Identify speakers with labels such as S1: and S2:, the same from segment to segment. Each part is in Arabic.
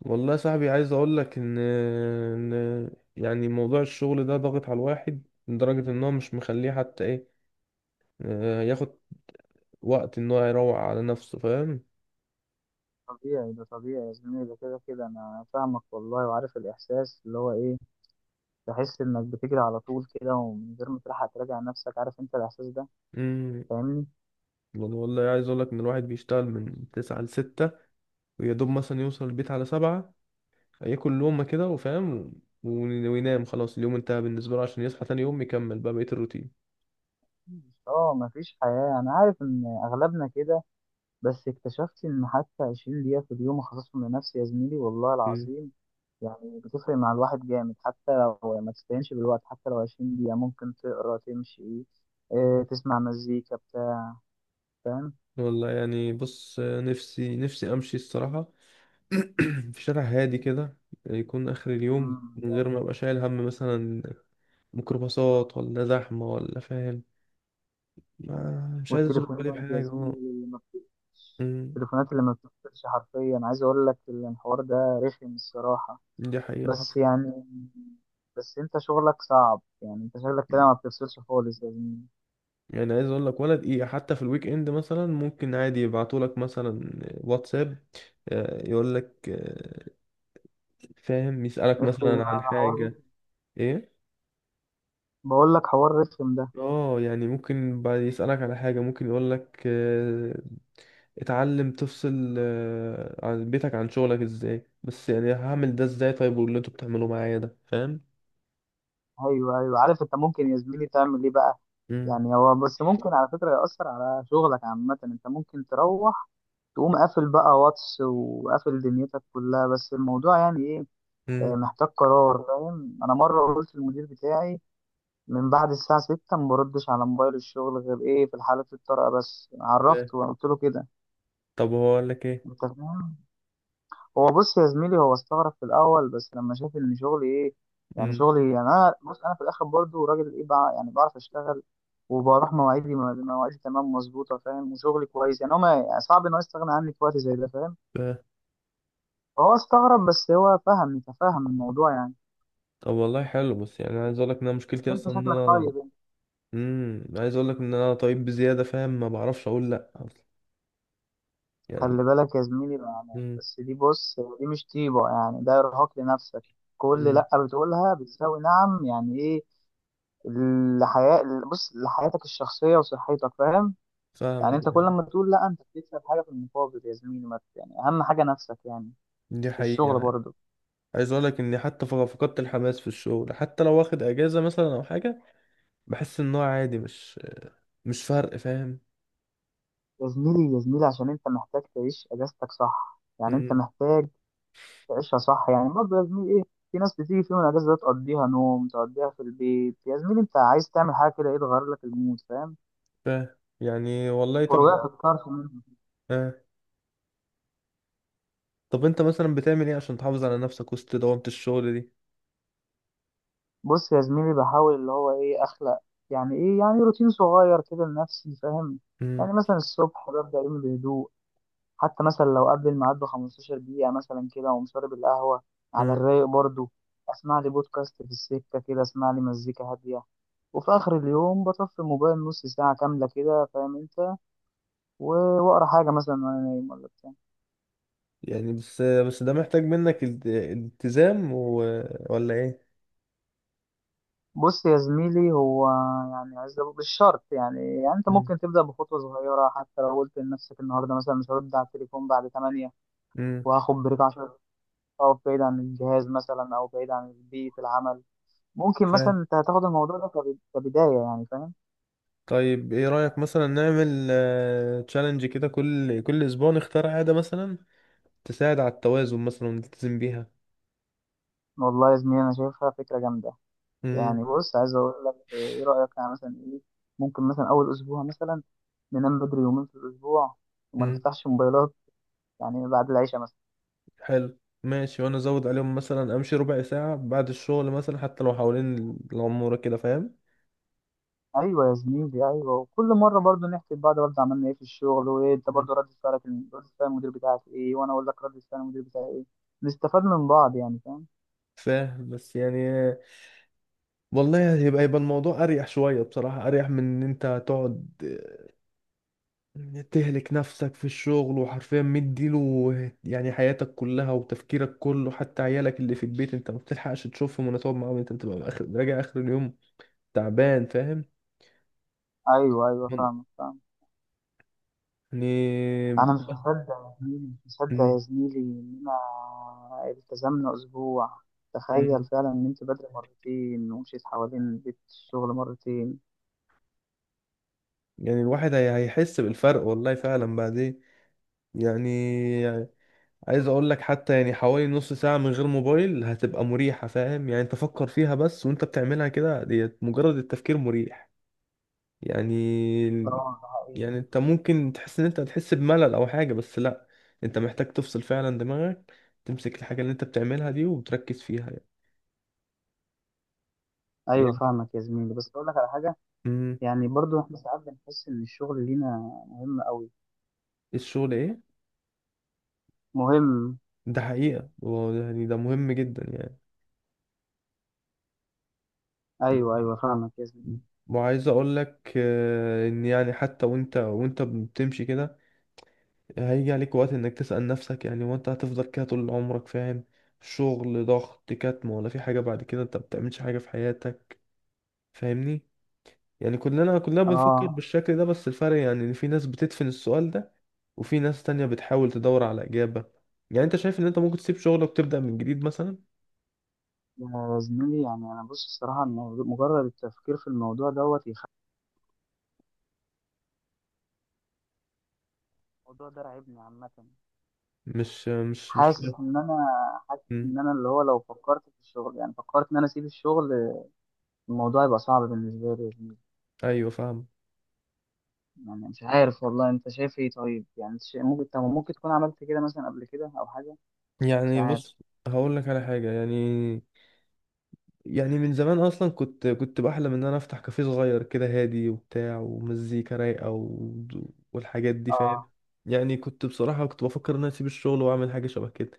S1: والله يا صاحبي، عايز اقول لك ان يعني موضوع الشغل ده ضاغط على الواحد لدرجة ان هو مش مخليه حتى ايه، ياخد وقت ان هو يروق على نفسه، فاهم.
S2: طبيعي ده طبيعي يا زميلي، ده كده كده انا فاهمك والله، وعارف الاحساس اللي هو ايه. تحس انك بتجري على طول كده ومن غير ما تلحق تراجع نفسك. عارف انت الاحساس ده؟
S1: امم.
S2: فاهمني؟
S1: والله والله عايز اقول لك ان الواحد بيشتغل من 9 لـ 6، ويا دوب مثلا يوصل البيت على 7، ياكل لقمة كده وفاهم و- وينام. خلاص اليوم انتهى بالنسبة له عشان يصحى تاني يوم يكمل بقى بقية الروتين.
S2: اه، مفيش حياة، انا عارف ان اغلبنا كده. بس اكتشفت ان حتى 20 دقيقة في اليوم اخصصهم لنفسي يا زميلي، والله
S1: مم.
S2: العظيم يعني بتفرق مع الواحد جامد. حتى لو ما تستهينش بالوقت، حتى لو 20 دقيقة ممكن تقرا تمشي، تسمع مزيكا بتاع.
S1: والله يعني بص، نفسي نفسي امشي الصراحة في شارع هادي كده، يكون آخر اليوم
S2: فاهم؟
S1: من غير ما أبقى شايل هم مثلا، ميكروباصات ولا زحمة ولا فاهم. ما مش عايز أشغل بالي
S2: والتليفونات يا
S1: بحاجة. اه.
S2: زميلي اللي ما بت-
S1: أمم.
S2: التليفونات اللي ما بتفصلش حرفيا، عايز اقول لك الحوار ده رخم الصراحة.
S1: دي حقيقة حق.
S2: بس يعني بس انت شغلك صعب، يعني انت شغلك كده ما بتفصلش خالص يا زميلي.
S1: يعني عايز أقول لك ولا دقيقة، حتى في الويك إند مثلا ممكن عادي يبعتولك مثلا واتساب، يقول لك، فاهم، يسألك
S2: اخي،
S1: مثلا عن
S2: ده حوار،
S1: حاجة. إيه؟
S2: بقول لك حوار رخم ده.
S1: اه يعني ممكن بعد يسألك على حاجة، ممكن يقول لك، اتعلم تفصل عن بيتك عن شغلك ازاي. بس يعني هعمل ده ازاي؟ طيب واللي انتوا بتعملوه معايا ده؟ فاهم.
S2: ايوه، ايوه، عارف. انت ممكن يا زميلي تعمل ايه بقى؟
S1: امم.
S2: يعني هو بس ممكن على فكرة يأثر على شغلك عامة. انت ممكن تروح تقوم قافل بقى واتس وقافل دنيتك كلها، بس الموضوع يعني ايه،
S1: امم.
S2: محتاج قرار. فاهم؟ انا مره قلت للمدير بتاعي، من بعد الساعه 6 ما بردش على موبايل الشغل غير ايه في الحاله الطارئه، بس
S1: فاهم.
S2: عرفته وقلت له كده.
S1: طب هو اقول لك ايه؟
S2: انت فاهم؟ هو، بص يا زميلي، هو استغرب في الاول، بس لما شاف ان شغلي ايه، يعني
S1: امم.
S2: شغلي إيه. يعني انا، بص، انا في الاخر برضو راجل ايه بقى، يعني بعرف اشتغل وبروح مواعيدي مواعيدي تمام مظبوطه فاهم، وشغلي كويس. يعني هو ما يعني صعب ان هو يستغنى عني في وقت زي ده فاهم.
S1: فاهم.
S2: فهو استغرب بس هو فهم، تفهم الموضوع يعني.
S1: طب والله حلو، بس يعني عايز اقول لك ان انا
S2: بس
S1: مشكلتي
S2: انت
S1: اصلا ان
S2: شكلك
S1: انا
S2: طيب.
S1: عايز اقول لك ان انا طيب بزياده، فاهم، ما بعرفش اقول لا اصلا يعني.
S2: خلي بالك يا زميلي، يعني
S1: امم.
S2: بس دي، بص، دي مش طيبة، يعني ده إرهاق لنفسك. كل
S1: امم.
S2: لأ بتقولها بتساوي نعم، يعني إيه الحياة. بص لحياتك الشخصية وصحتك، فاهم؟ يعني
S1: فاهمك
S2: أنت كل
S1: يعني.
S2: ما تقول لأ أنت بتكسب حاجة في المقابل يا زميلي، ما ت- يعني أهم حاجة نفسك يعني.
S1: دي
S2: في
S1: حقيقة
S2: الشغل
S1: يعني.
S2: برضه.
S1: عايز اقول لك اني حتى فقدت الحماس في الشغل. حتى لو واخد اجازة مثلا او حاجة، بحس ان هو عادي، مش فرق، فاهم.
S2: يا زميلي، يا زميلي، عشان أنت محتاج تعيش أجازتك صح، يعني أنت محتاج تعيشها صح، يعني برضه يا زميلي إيه. في ناس بتيجي في يوم الأجازة ده تقضيها نوم، تقضيها في البيت. يا زميلي أنت عايز تعمل حاجة كده، إيه، تغير لك المود، فاهم؟
S1: فاهم يعني، والله. طب،
S2: ورجعت اتكرت منهم.
S1: آه. طب انت مثلا بتعمل ايه عشان تحافظ على نفسك وسط دوامة الشغل دي؟
S2: بص يا زميلي، بحاول اللي هو ايه، اخلق يعني ايه، يعني روتين صغير كده لنفسي، فاهم؟
S1: امم.
S2: يعني مثلا الصبح ببدأ يومي بهدوء، حتى مثلا لو قبل الميعاد ب 15 دقيقة مثلا كده، وأقوم شارب القهوة على
S1: آه.
S2: الرايق برضو، اسمع لي بودكاست في السكة كده، اسمع لي مزيكا هادية. وفي آخر اليوم بطفي الموبايل نص ساعة كاملة كده فاهم انت، وأقرأ حاجة مثلا وأنا نايم ولا بتاع.
S1: يعني بس ده محتاج منك التزام و... ولا ايه؟
S2: بص يا زميلي، هو يعني عايز أقول مش شرط يعني، يعني انت
S1: امم.
S2: ممكن تبدا بخطوه صغيره. حتى لو قلت لنفسك النهارده مثلا مش هرد على التليفون بعد 8،
S1: امم.
S2: وهاخد بريك 10 دقايق بعيد عن الجهاز مثلا، او بعيد عن بيئه العمل. ممكن مثلا
S1: فاهم.
S2: انت هتاخد الموضوع ده كبدايه، يعني فاهم؟
S1: طيب ايه رأيك مثلا نعمل تشالنج كده، كل اسبوع نختار عادة مثلا تساعد على التوازن مثلا ونلتزم بيها.
S2: والله يا زميلي انا شايفها فكره جامده.
S1: امم.
S2: يعني بص، عايز اقول لك ايه، إيه رايك يعني مثلا ايه؟ ممكن مثلا اول اسبوع مثلا ننام بدري يومين في الاسبوع وما
S1: امم.
S2: نفتحش موبايلات، يعني بعد العشاء.
S1: حلو. ماشي، وانا ازود عليهم مثلا امشي ربع ساعة بعد الشغل، مثلا حتى لو حوالين العمورة كده، فاهم.
S2: ايوه يا زميلي، ايوه، وكل مره برضو نحكي لبعض برضو عملنا ايه في الشغل، وايه انت برضو رد فعلك، رد فعل المدير بتاعك ايه، وانا اقول لك رد فعل المدير بتاعي ايه. نستفاد من بعض يعني فاهم؟
S1: فاهم. بس يعني والله يبقى الموضوع اريح شويه بصراحه، اريح من ان انت تقعد تهلك نفسك في الشغل، وحرفيا مديله يعني حياتك كلها وتفكيرك كله. حتى عيالك اللي في البيت انت ما بتلحقش تشوفهم ولا تقعد معاهم، انت بتبقى اخر راجع اخر اليوم تعبان، فاهم.
S2: ايوه، ايوه، فاهمك فاهم.
S1: يعني
S2: انا مش مصدق يا زميلي، مش مصدق يا زميلي اننا التزمنا اسبوع. تخيل
S1: م-
S2: فعلا ان انت بدري مرتين ومشيت حوالين بيت الشغل مرتين.
S1: يعني الواحد هيحس بالفرق، والله فعلا. بعدين يعني عايز اقول لك، حتى يعني حوالي نص ساعة من غير موبايل هتبقى مريحة، فاهم يعني. انت فكر فيها بس، وانت بتعملها كده ديت مجرد التفكير مريح يعني.
S2: اه، ده حقيقي.
S1: يعني انت ممكن تحس ان انت هتحس بملل او حاجة، بس لا، انت محتاج تفصل فعلا دماغك، تمسك الحاجة اللي انت بتعملها دي وتركز فيها يعني
S2: ايوه
S1: يعني
S2: فاهمك يا زميلي، بس اقول لك على حاجه.
S1: امم.
S2: يعني برضو احنا ساعات بنحس ان الشغل لينا مهم قوي.
S1: الشغل ايه؟
S2: مهم.
S1: ده حقيقة، هو يعني ده مهم جدا
S2: ايوه ايوه
S1: يعني.
S2: فاهمك يا زميلي.
S1: وعايز اقول لك، ان يعني حتى وانت بتمشي كده، هيجي عليك وقت انك تسأل نفسك يعني، وانت هتفضل كده طول عمرك؟ فاهم. شغل، ضغط، كتم، ولا في حاجة بعد كده؟ انت بتعملش حاجة في حياتك، فاهمني. يعني كلنا بنفكر
S2: اه
S1: بالشكل ده، بس الفرق يعني ان في ناس بتدفن السؤال ده، وفي ناس تانية بتحاول تدور على إجابة. يعني انت شايف ان انت ممكن تسيب شغلك وتبدأ من جديد مثلا؟
S2: يا زميلي، يعني انا، بص، الصراحه الموضوع مجرد التفكير في الموضوع دوت يخلي الموضوع ده راعبني عامه.
S1: مش
S2: حاسس
S1: فاهم.
S2: ان انا، حاسس
S1: مم.
S2: ان انا اللي هو لو فكرت في الشغل، يعني فكرت ان انا اسيب الشغل، الموضوع يبقى صعب بالنسبه لي يا زميلي.
S1: ايوه فاهم.
S2: يعني مش عارف والله، انت شايف ايه؟ طيب يعني أنت ممكن، طب ممكن تكون عملت كده مثلا قبل كده او حاجه. مش
S1: يعني
S2: عارف.
S1: بص، هقول لك على حاجة يعني. يعني من زمان اصلا، كنت بحلم ان انا افتح كافيه صغير كده، هادي وبتاع ومزيكا رايقه و... والحاجات دي، فاهم.
S2: اه
S1: يعني كنت بصراحه كنت بفكر ان انا اسيب الشغل واعمل حاجه شبه كده،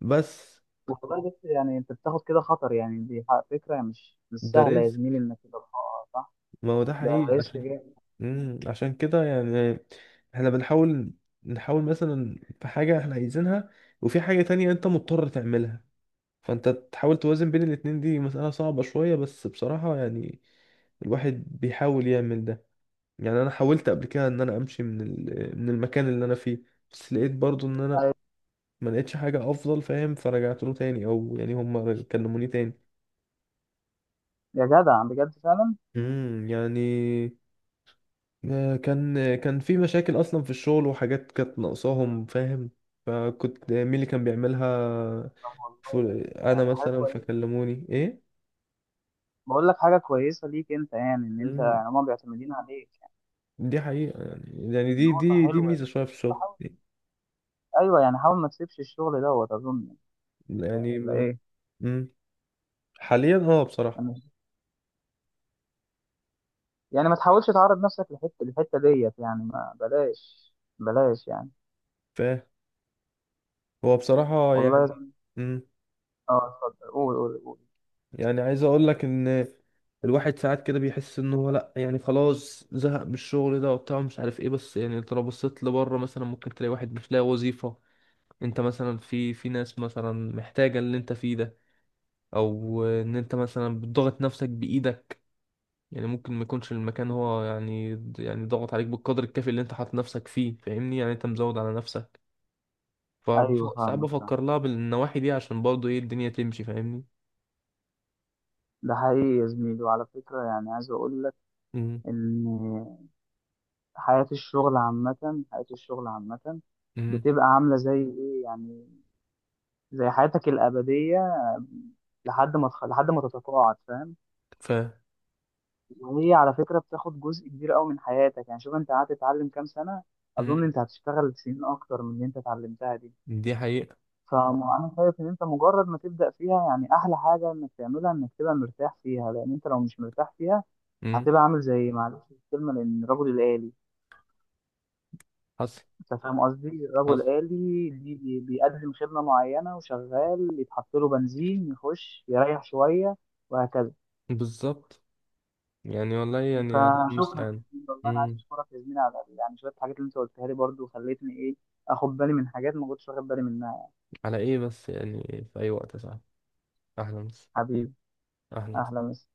S1: بس
S2: والله، بس يعني انت بتاخد كده خطر، يعني دي فكره مش
S1: ده
S2: سهله يا
S1: رزق.
S2: زميلي، انك تبقى آه، صح.
S1: ما هو ده
S2: ده
S1: حقيقي
S2: ريسك
S1: عشان،
S2: جامد.
S1: مم. عشان كده يعني احنا بنحاول، نحاول مثلا. في حاجه احنا عايزينها، وفي حاجه تانية انت مضطر تعملها، فانت تحاول توازن بين الاتنين. دي مسألة صعبة شوية، بس بصراحة يعني الواحد بيحاول يعمل ده. يعني انا حاولت قبل كده ان انا امشي من من المكان اللي انا فيه، بس لقيت برضو ان انا ما لقيتش حاجة افضل، فاهم، فرجعت له تاني، او يعني هم كلموني تاني.
S2: يا جدع، بجد فعلا.
S1: امم. يعني، كان في مشاكل اصلا في الشغل وحاجات كانت ناقصاهم، فاهم، فكنت مين اللي كان بيعملها،
S2: آه والله ده
S1: انا
S2: ده حاجة
S1: مثلا،
S2: كويسة.
S1: فكلموني. ايه.
S2: بقول لك حاجه كويسه ليك انت، يعني ان انت
S1: امم.
S2: يعني هما بيعتمدين عليك يعني.
S1: دي حقيقة يعني. يعني دي
S2: نقطة
S1: دي دي
S2: حلوة.
S1: ميزة شوية في الشغل
S2: بحاول. ايوه يعني، حاول ما تسيبش الشغل دوت اظن،
S1: يعني.
S2: ولا ايه؟
S1: امم. حاليا اه بصراحة.
S2: أنا مش- يعني ما تحاولش تعرض نفسك لحته الحته ديت، يعني ما بلاش، بلاش يعني.
S1: فاهم. هو بصراحة
S2: والله يا
S1: يعني،
S2: زميلي-
S1: مم.
S2: اه، اتفضل، قول، قول، قول.
S1: يعني عايز اقول لك ان الواحد ساعات كده بيحس ان هو لا، يعني خلاص زهق من الشغل ده وبتاع، مش عارف ايه. بس يعني انت لو بصيت لبره مثلا ممكن تلاقي واحد مش لاقي وظيفة. انت مثلا، في في ناس مثلا محتاجة اللي انت فيه ده، او ان انت مثلا بتضغط نفسك بايدك. يعني ممكن ما يكونش المكان هو يعني، يعني ضغط عليك بالقدر الكافي اللي انت حاطط نفسك فيه، فاهمني، يعني انت مزود على نفسك.
S2: ايوه
S1: فساعات
S2: فاهمك فاهم.
S1: بفكر لها بالنواحي دي عشان برضه ايه الدنيا تمشي، فاهمني.
S2: ده حقيقي يا زميلي، وعلى فكره يعني عايز اقول لك
S1: مم.
S2: ان حياه الشغل عامه، حياه الشغل عامه
S1: مم.
S2: بتبقى عامله زي ايه، يعني زي حياتك الأبدية لحد ما لحد ما تتقاعد فاهم.
S1: ف،
S2: وهي على فكرة بتاخد جزء كبير قوي من حياتك، يعني شوف انت قعدت تتعلم كام سنة، اظن
S1: مم.
S2: انت هتشتغل سنين اكتر من اللي انت اتعلمتها دي.
S1: دي حقيقة.
S2: فانا شايف ان انت مجرد ما تبدأ فيها، يعني احلى حاجة انك تعملها انك تبقى مرتاح فيها، لان انت لو مش مرتاح فيها
S1: مم.
S2: هتبقى عامل زي، معلش في الكلمة، لان رجل الآلي.
S1: حصل.
S2: انت فاهم قصدي؟ الرجل
S1: حصل.
S2: الآلي اللي بيقدم خدمة معينة وشغال، يتحط له بنزين يخش يريح شوية وهكذا.
S1: بالظبط. يعني والله يعني الله
S2: فشكرا
S1: المستعان.
S2: جزيلا والله، انا عايز
S1: مم.
S2: اشكرك يا زميلي على يعني شويه الحاجات اللي انت قلتها لي برضو خلتني ايه، اخد بالي من حاجات ما كنتش واخد بالي منها يعني.
S1: على ايه بس يعني؟ في اي وقت يا صاحبي. اهلا بس.
S2: حبيبي،
S1: اهلا.
S2: اهلا وسهلا.